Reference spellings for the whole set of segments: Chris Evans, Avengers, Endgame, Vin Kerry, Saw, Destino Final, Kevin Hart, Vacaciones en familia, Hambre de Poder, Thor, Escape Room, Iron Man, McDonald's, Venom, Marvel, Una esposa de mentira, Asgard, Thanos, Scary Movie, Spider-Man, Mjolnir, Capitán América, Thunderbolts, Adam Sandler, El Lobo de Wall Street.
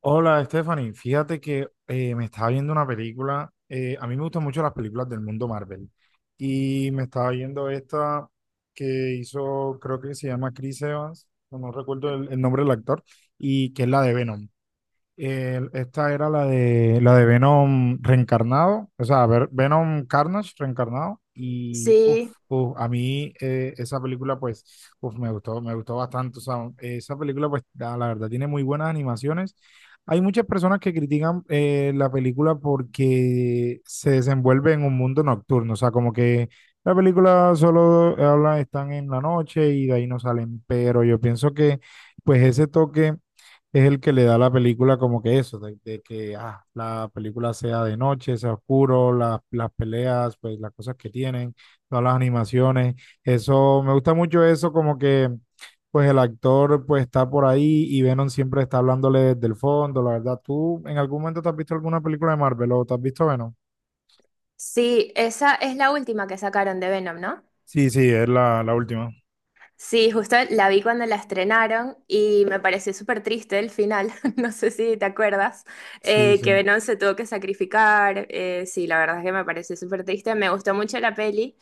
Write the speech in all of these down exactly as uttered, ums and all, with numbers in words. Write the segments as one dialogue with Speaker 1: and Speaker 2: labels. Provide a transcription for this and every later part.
Speaker 1: Hola, Stephanie. Fíjate que eh, me estaba viendo una película. Eh, a mí me gustan mucho las películas del mundo Marvel. Y me estaba viendo esta que hizo, creo que se llama Chris Evans, no, no recuerdo el, el nombre del actor, y que es la de Venom. El- esta era la de la de Venom reencarnado, o sea, ver- Venom Carnage reencarnado y uf,
Speaker 2: Sí,
Speaker 1: uf, a mí eh, esa película pues uf, me gustó, me gustó bastante, o sea, esa película pues la, la verdad tiene muy buenas animaciones. Hay muchas personas que critican eh, la película porque se desenvuelve en un mundo nocturno, o sea, como que la película solo habla, están en la noche y de ahí no salen, pero yo pienso que pues ese toque es el que le da a la película como que eso, de, de que ah, la película sea de noche, sea oscuro, las, las peleas, pues las cosas que tienen, todas las animaciones, eso, me gusta mucho eso, como que pues el actor pues está por ahí y Venom siempre está hablándole desde el fondo, la verdad. ¿Tú en algún momento te has visto alguna película de Marvel o te has visto Venom?
Speaker 2: sí, esa es la última que sacaron de Venom, ¿no?
Speaker 1: Sí, sí, es la, la última.
Speaker 2: Sí, justo la vi cuando la estrenaron y me pareció súper triste el final, no sé si te acuerdas,
Speaker 1: Sí,
Speaker 2: eh,
Speaker 1: sí.
Speaker 2: que Venom se tuvo que sacrificar, eh, sí, la verdad es que me pareció súper triste, me gustó mucho la peli.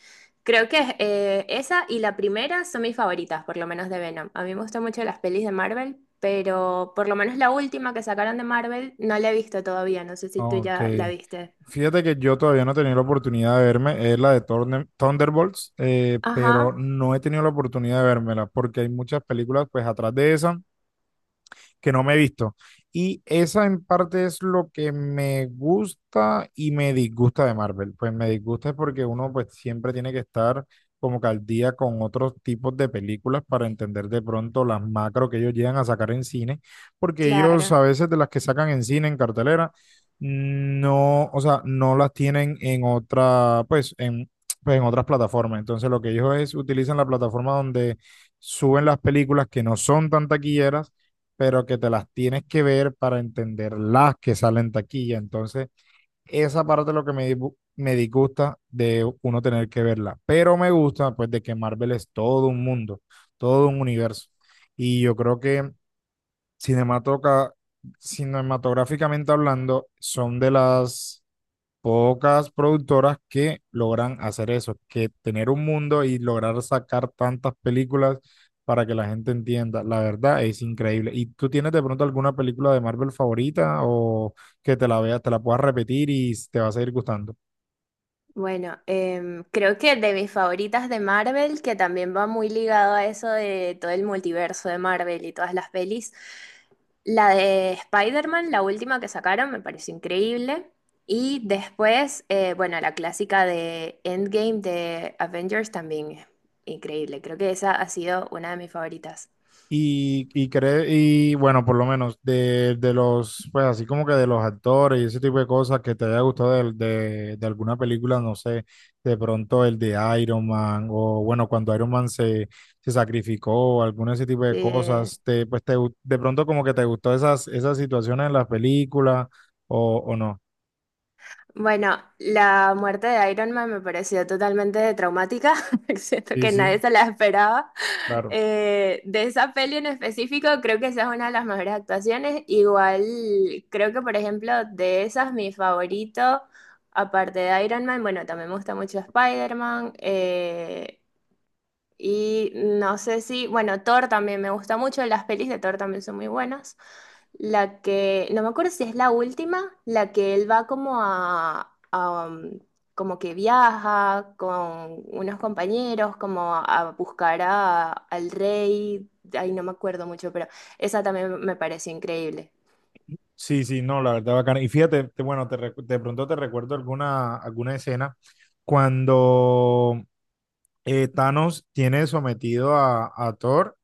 Speaker 2: Creo que eh, esa y la primera son mis favoritas, por lo menos de Venom. A mí me gustan mucho las pelis de Marvel, pero por lo menos la última que sacaron de Marvel no la he visto todavía, no sé si tú
Speaker 1: Ok.
Speaker 2: ya la viste.
Speaker 1: Fíjate que yo todavía no he tenido la oportunidad de verme, es la de Thorne- Thunderbolts, eh, pero
Speaker 2: Ajá,
Speaker 1: no he tenido la oportunidad de vérmela porque hay muchas películas pues atrás de esa que no me he visto. Y esa en parte es lo que me gusta y me disgusta de Marvel. Pues me disgusta es porque uno pues siempre tiene que estar como que al día con otros tipos de películas para entender de pronto las macro que ellos llegan a sacar en cine, porque ellos
Speaker 2: claro.
Speaker 1: a veces de las que sacan en cine, en cartelera, no, o sea, no las tienen en otra, pues en, pues, en otras plataformas. Entonces lo que ellos es, utilizan la plataforma donde suben las películas que no son tan taquilleras pero que te las tienes que ver para entender las que salen taquilla. Entonces, esa parte es lo que me, dibu- me disgusta de uno tener que verla. Pero me gusta, pues, de que Marvel es todo un mundo, todo un universo. Y yo creo que cinematoca- cinematográficamente hablando, son de las pocas productoras que logran hacer eso, que tener un mundo y lograr sacar tantas películas para que la gente entienda. La verdad es increíble. ¿Y tú tienes de pronto alguna película de Marvel favorita o que te la veas, te la puedas repetir y te va a seguir gustando?
Speaker 2: Bueno, em, creo que de mis favoritas de Marvel, que también va muy ligado a eso de todo el multiverso de Marvel y todas las pelis, la de Spider-Man, la última que sacaron, me pareció increíble. Y después, eh, bueno, la clásica de Endgame de Avengers también es increíble. Creo que esa ha sido una de mis favoritas.
Speaker 1: Y, y, cre- y bueno, por lo menos de, de los, pues así como que de los actores y ese tipo de cosas que te haya gustado del- de, de alguna película, no sé, de pronto el de Iron Man o bueno, cuando Iron Man se, se sacrificó, alguno de ese tipo de
Speaker 2: Eh,
Speaker 1: cosas, te, pues te, gu- de pronto como que te gustó esas, esas situaciones en las películas o, o no.
Speaker 2: bueno, la muerte de Iron Man me pareció totalmente traumática. Siento
Speaker 1: Sí,
Speaker 2: que nadie
Speaker 1: sí,
Speaker 2: se la esperaba.
Speaker 1: claro.
Speaker 2: Eh, de esa peli en específico, creo que esa es una de las mejores actuaciones. Igual, creo que, por ejemplo, de esas, mi favorito, aparte de Iron Man, bueno, también me gusta mucho Spider-Man. Eh, y no sé si, bueno, Thor también me gusta mucho, las pelis de Thor también son muy buenas. La que, no me acuerdo si es la última, la que él va como a, a, um, como que viaja con unos compañeros, como a buscar a- al rey, ahí no me acuerdo mucho, pero esa también me pareció increíble.
Speaker 1: Sí, sí, no, la verdad bacana. Y fíjate, te- bueno, te, recu- de pronto te recuerdo alguna, alguna escena cuando... eh, Thanos tiene sometido a, a Thor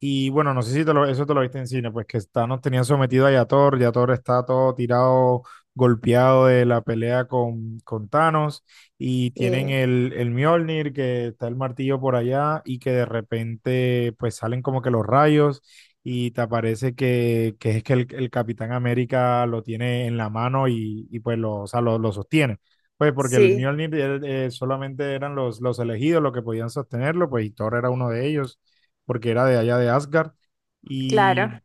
Speaker 1: y bueno, no sé si te lo- eso te lo viste en cine, pues que está, nos tenían sometido a Yator, Yator está todo tirado, golpeado de la pelea con, con Thanos, y tienen
Speaker 2: Sí,
Speaker 1: el, el Mjolnir, que está el martillo por allá, y que de repente pues salen como que los rayos, y te aparece que, que es que el, el Capitán América lo tiene en la mano y, y pues lo, o sea, lo, lo sostiene. Pues porque el
Speaker 2: sí,
Speaker 1: Mjolnir eh, eh, solamente eran los, los elegidos los que podían sostenerlo, pues y Thor era uno de ellos porque era de allá de Asgard.
Speaker 2: claro,
Speaker 1: Y,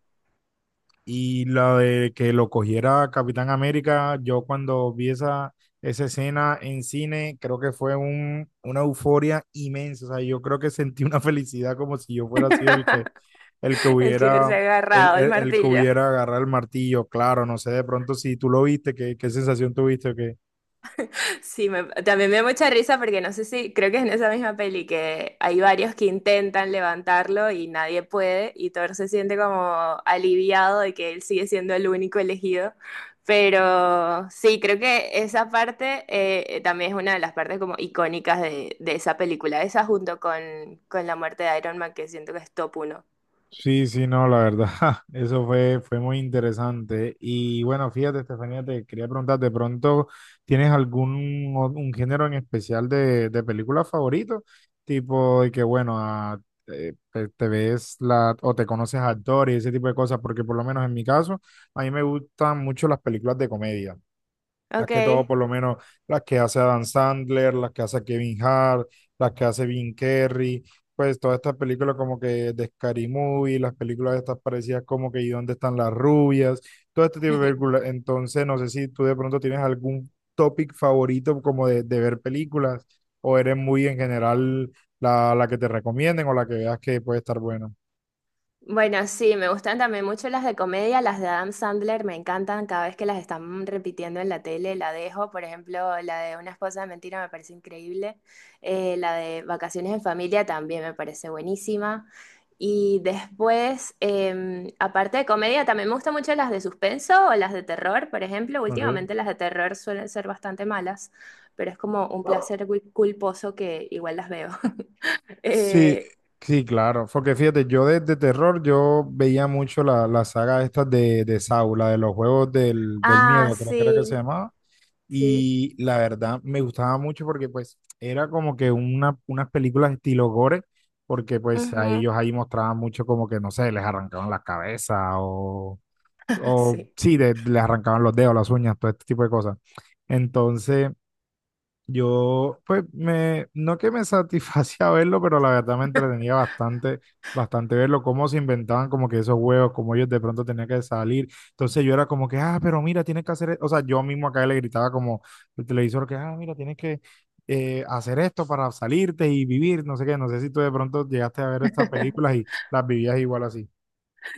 Speaker 1: y la de que lo cogiera Capitán América, yo cuando vi esa, esa escena en cine, creo que fue un, una euforia inmensa. O sea, yo creo que sentí una felicidad como si yo fuera sido el que, el que
Speaker 2: el que se ha
Speaker 1: hubiera, el,
Speaker 2: agarrado el
Speaker 1: el, el que
Speaker 2: martillo.
Speaker 1: hubiera agarrado el martillo. Claro, no sé de pronto si tú lo viste, qué, qué sensación tuviste, o
Speaker 2: Sí, me- también me da mucha risa porque no sé si, creo que es en esa misma peli que hay varios que intentan levantarlo y nadie puede y Thor se siente como aliviado de que él sigue siendo el único elegido. Pero sí, creo que esa parte eh, también es una de las partes como icónicas de, de esa película, esa junto con, con la muerte de Iron Man que siento que es top uno.
Speaker 1: sí, sí, no, la verdad, eso fue, fue muy interesante. Y bueno, fíjate, Estefanía, te quería preguntar, ¿de pronto tienes algún o- un género en especial de, de película favorito? Tipo de que, bueno, a- eh, te, te ves la, o te conoces a actores y ese tipo de cosas, porque por lo menos en mi caso, a mí me gustan mucho las películas de comedia. Más que todo,
Speaker 2: Ok.
Speaker 1: por lo menos, las que hace Adam Sandler, las que hace Kevin Hart, las que hace Vin Kerry, pues todas estas películas como que de Scary Movie, las películas estas parecidas como que ¿y dónde están las rubias? Todo este tipo de películas. Entonces, no sé si tú de pronto tienes algún topic favorito como de, de ver películas o eres muy en general la, la que te recomienden o la que veas que puede estar buena.
Speaker 2: Bueno, sí, me gustan también mucho las de comedia, las de Adam Sandler, me encantan, cada vez que las están repitiendo en la tele la dejo. Por ejemplo, la de Una esposa de mentira me parece increíble, eh, la de Vacaciones en familia también me parece buenísima, y después, em, aparte de comedia, también me gustan mucho las de suspenso o las de terror. Por ejemplo,
Speaker 1: Ok.
Speaker 2: últimamente las de terror suelen ser bastante malas, pero es como un placer cul- culposo que igual las veo.
Speaker 1: Sí,
Speaker 2: Eh,
Speaker 1: sí, claro. Porque fíjate, yo de, de terror, yo veía mucho la, la saga esta de, de Saw, la de los juegos del, del
Speaker 2: ah,
Speaker 1: miedo, creo que era que se
Speaker 2: sí,
Speaker 1: llamaba.
Speaker 2: sí.
Speaker 1: Y la verdad me gustaba mucho porque pues era como que una, unas películas estilo gore, porque pues a
Speaker 2: Ujú.
Speaker 1: ellos ahí mostraban mucho como que, no sé, les arrancaban las cabezas o, o
Speaker 2: Sí,
Speaker 1: sí, de- les arrancaban los dedos, las uñas, todo este tipo de cosas. Entonces... Yo, pues, me, no que me satisfacía verlo, pero la verdad me entretenía bastante, bastante verlo, cómo se inventaban como que esos juegos, cómo ellos de pronto tenían que salir. Entonces yo era como que, ah, pero mira, tienes que hacer, e-". o sea, yo mismo acá le gritaba como el televisor que, ah, mira, tienes que eh, hacer esto para salirte y vivir, no sé qué, no sé si tú de pronto llegaste a ver estas películas y las vivías igual así.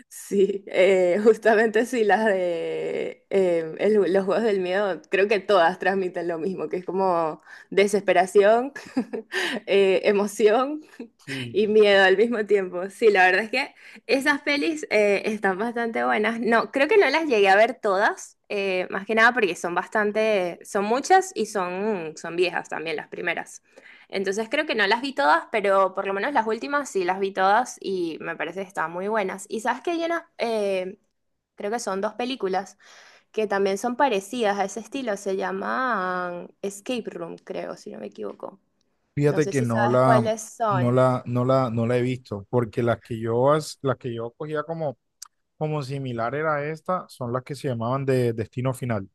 Speaker 2: sí, eh, justamente sí, las de eh, el- los juegos del miedo, creo que todas transmiten lo mismo, que es como desesperación, eh, emoción
Speaker 1: Sí.
Speaker 2: y miedo al mismo tiempo. Sí, la verdad es que esas pelis eh, están bastante buenas. No, creo que no las llegué a ver todas, eh, más que nada porque son bastante, son muchas y son, son viejas también las primeras. Entonces creo que no las vi todas, pero por lo menos las últimas sí las vi todas y me parece que están muy buenas. Y sabes que hay unas, eh, creo que son dos películas que también son parecidas a ese estilo, se llaman Escape Room, creo, si no me equivoco. No
Speaker 1: Fíjate
Speaker 2: sé
Speaker 1: que
Speaker 2: si
Speaker 1: no
Speaker 2: sabes
Speaker 1: la,
Speaker 2: cuáles
Speaker 1: no
Speaker 2: son.
Speaker 1: la, no la, no la he visto, porque las que yo, as- las que yo cogía como como similar era esta, son las que se llamaban de Destino Final,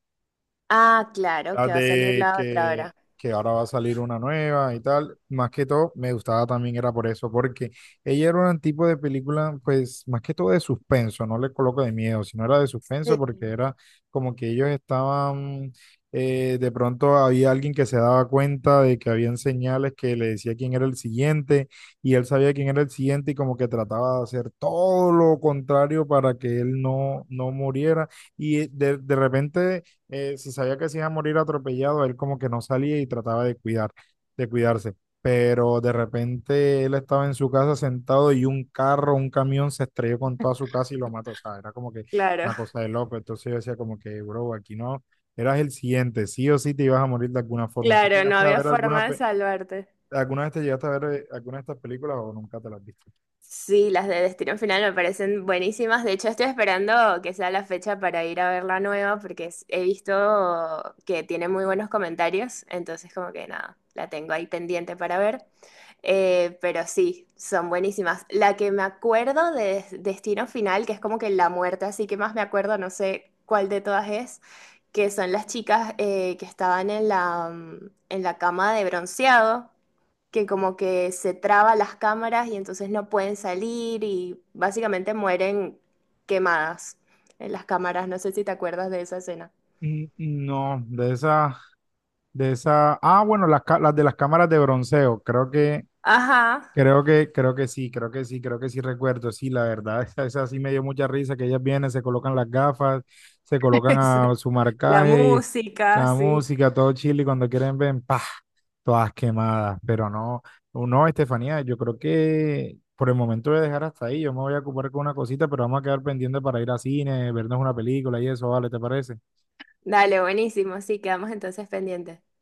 Speaker 2: Ah, claro, que
Speaker 1: las
Speaker 2: va a salir
Speaker 1: de
Speaker 2: la otra
Speaker 1: que,
Speaker 2: ahora.
Speaker 1: que ahora va a salir una nueva y tal. Más que todo, me gustaba también era por eso, porque ella era un tipo de película, pues más que todo de suspenso, no le coloco de miedo, sino era de suspenso
Speaker 2: Sí,
Speaker 1: porque era como que ellos estaban, eh, de pronto había alguien que se daba cuenta de que habían señales que le decía quién era el siguiente y él sabía quién era el siguiente y como que trataba de hacer todo lo contrario para que él no, no muriera y de, de repente eh, si sabía que se iba a morir atropellado, él como que no salía y trataba de cuidar, de cuidarse. Pero de repente él estaba en su casa sentado y un carro, un camión se estrelló con toda su casa y lo mató. O sea, era como que
Speaker 2: claro,
Speaker 1: una cosa de loco. Entonces yo decía como que, bro, aquí no, eras el siguiente, sí o sí te ibas a morir de alguna forma. ¿Tú
Speaker 2: claro, no
Speaker 1: llegaste a
Speaker 2: había
Speaker 1: ver alguna,
Speaker 2: forma de
Speaker 1: pe-
Speaker 2: salvarte.
Speaker 1: alguna vez te llegaste a ver eh, alguna de estas películas o nunca te las viste?
Speaker 2: Sí, las de Destino Final me parecen buenísimas. De hecho, estoy esperando que sea la fecha para ir a ver la nueva porque es- he visto que tiene muy buenos comentarios. Entonces, como que nada, la tengo ahí pendiente para ver. Eh, pero sí, son buenísimas. La que me acuerdo de Des- Destino Final, que es como que la muerte, así que más me acuerdo, no sé cuál de todas es, que son las chicas eh, que estaban en la, mm, en la cama de bronceado que como que se traba las cámaras y entonces no pueden salir y básicamente mueren quemadas en las cámaras. No sé si te acuerdas de esa escena.
Speaker 1: Mm, no, de esa, de esa, ah, bueno, las, ca- las de las cámaras de bronceo, creo que
Speaker 2: Ajá,
Speaker 1: Creo que, creo que sí, creo que sí, creo que sí recuerdo, sí, la verdad, esa, esa sí me dio mucha risa, que ellas vienen, se colocan las gafas, se colocan
Speaker 2: es-
Speaker 1: a su
Speaker 2: la
Speaker 1: marcaje,
Speaker 2: música,
Speaker 1: la
Speaker 2: sí.
Speaker 1: música, todo chile, y cuando quieren ven, pa, todas quemadas, pero no, no, Estefanía, yo creo que por el momento voy a dejar hasta ahí, yo me voy a ocupar con una cosita, pero vamos a quedar pendiente para ir a cine, vernos una película y eso, vale, ¿te parece?
Speaker 2: Dale, buenísimo. Sí, quedamos entonces pendientes.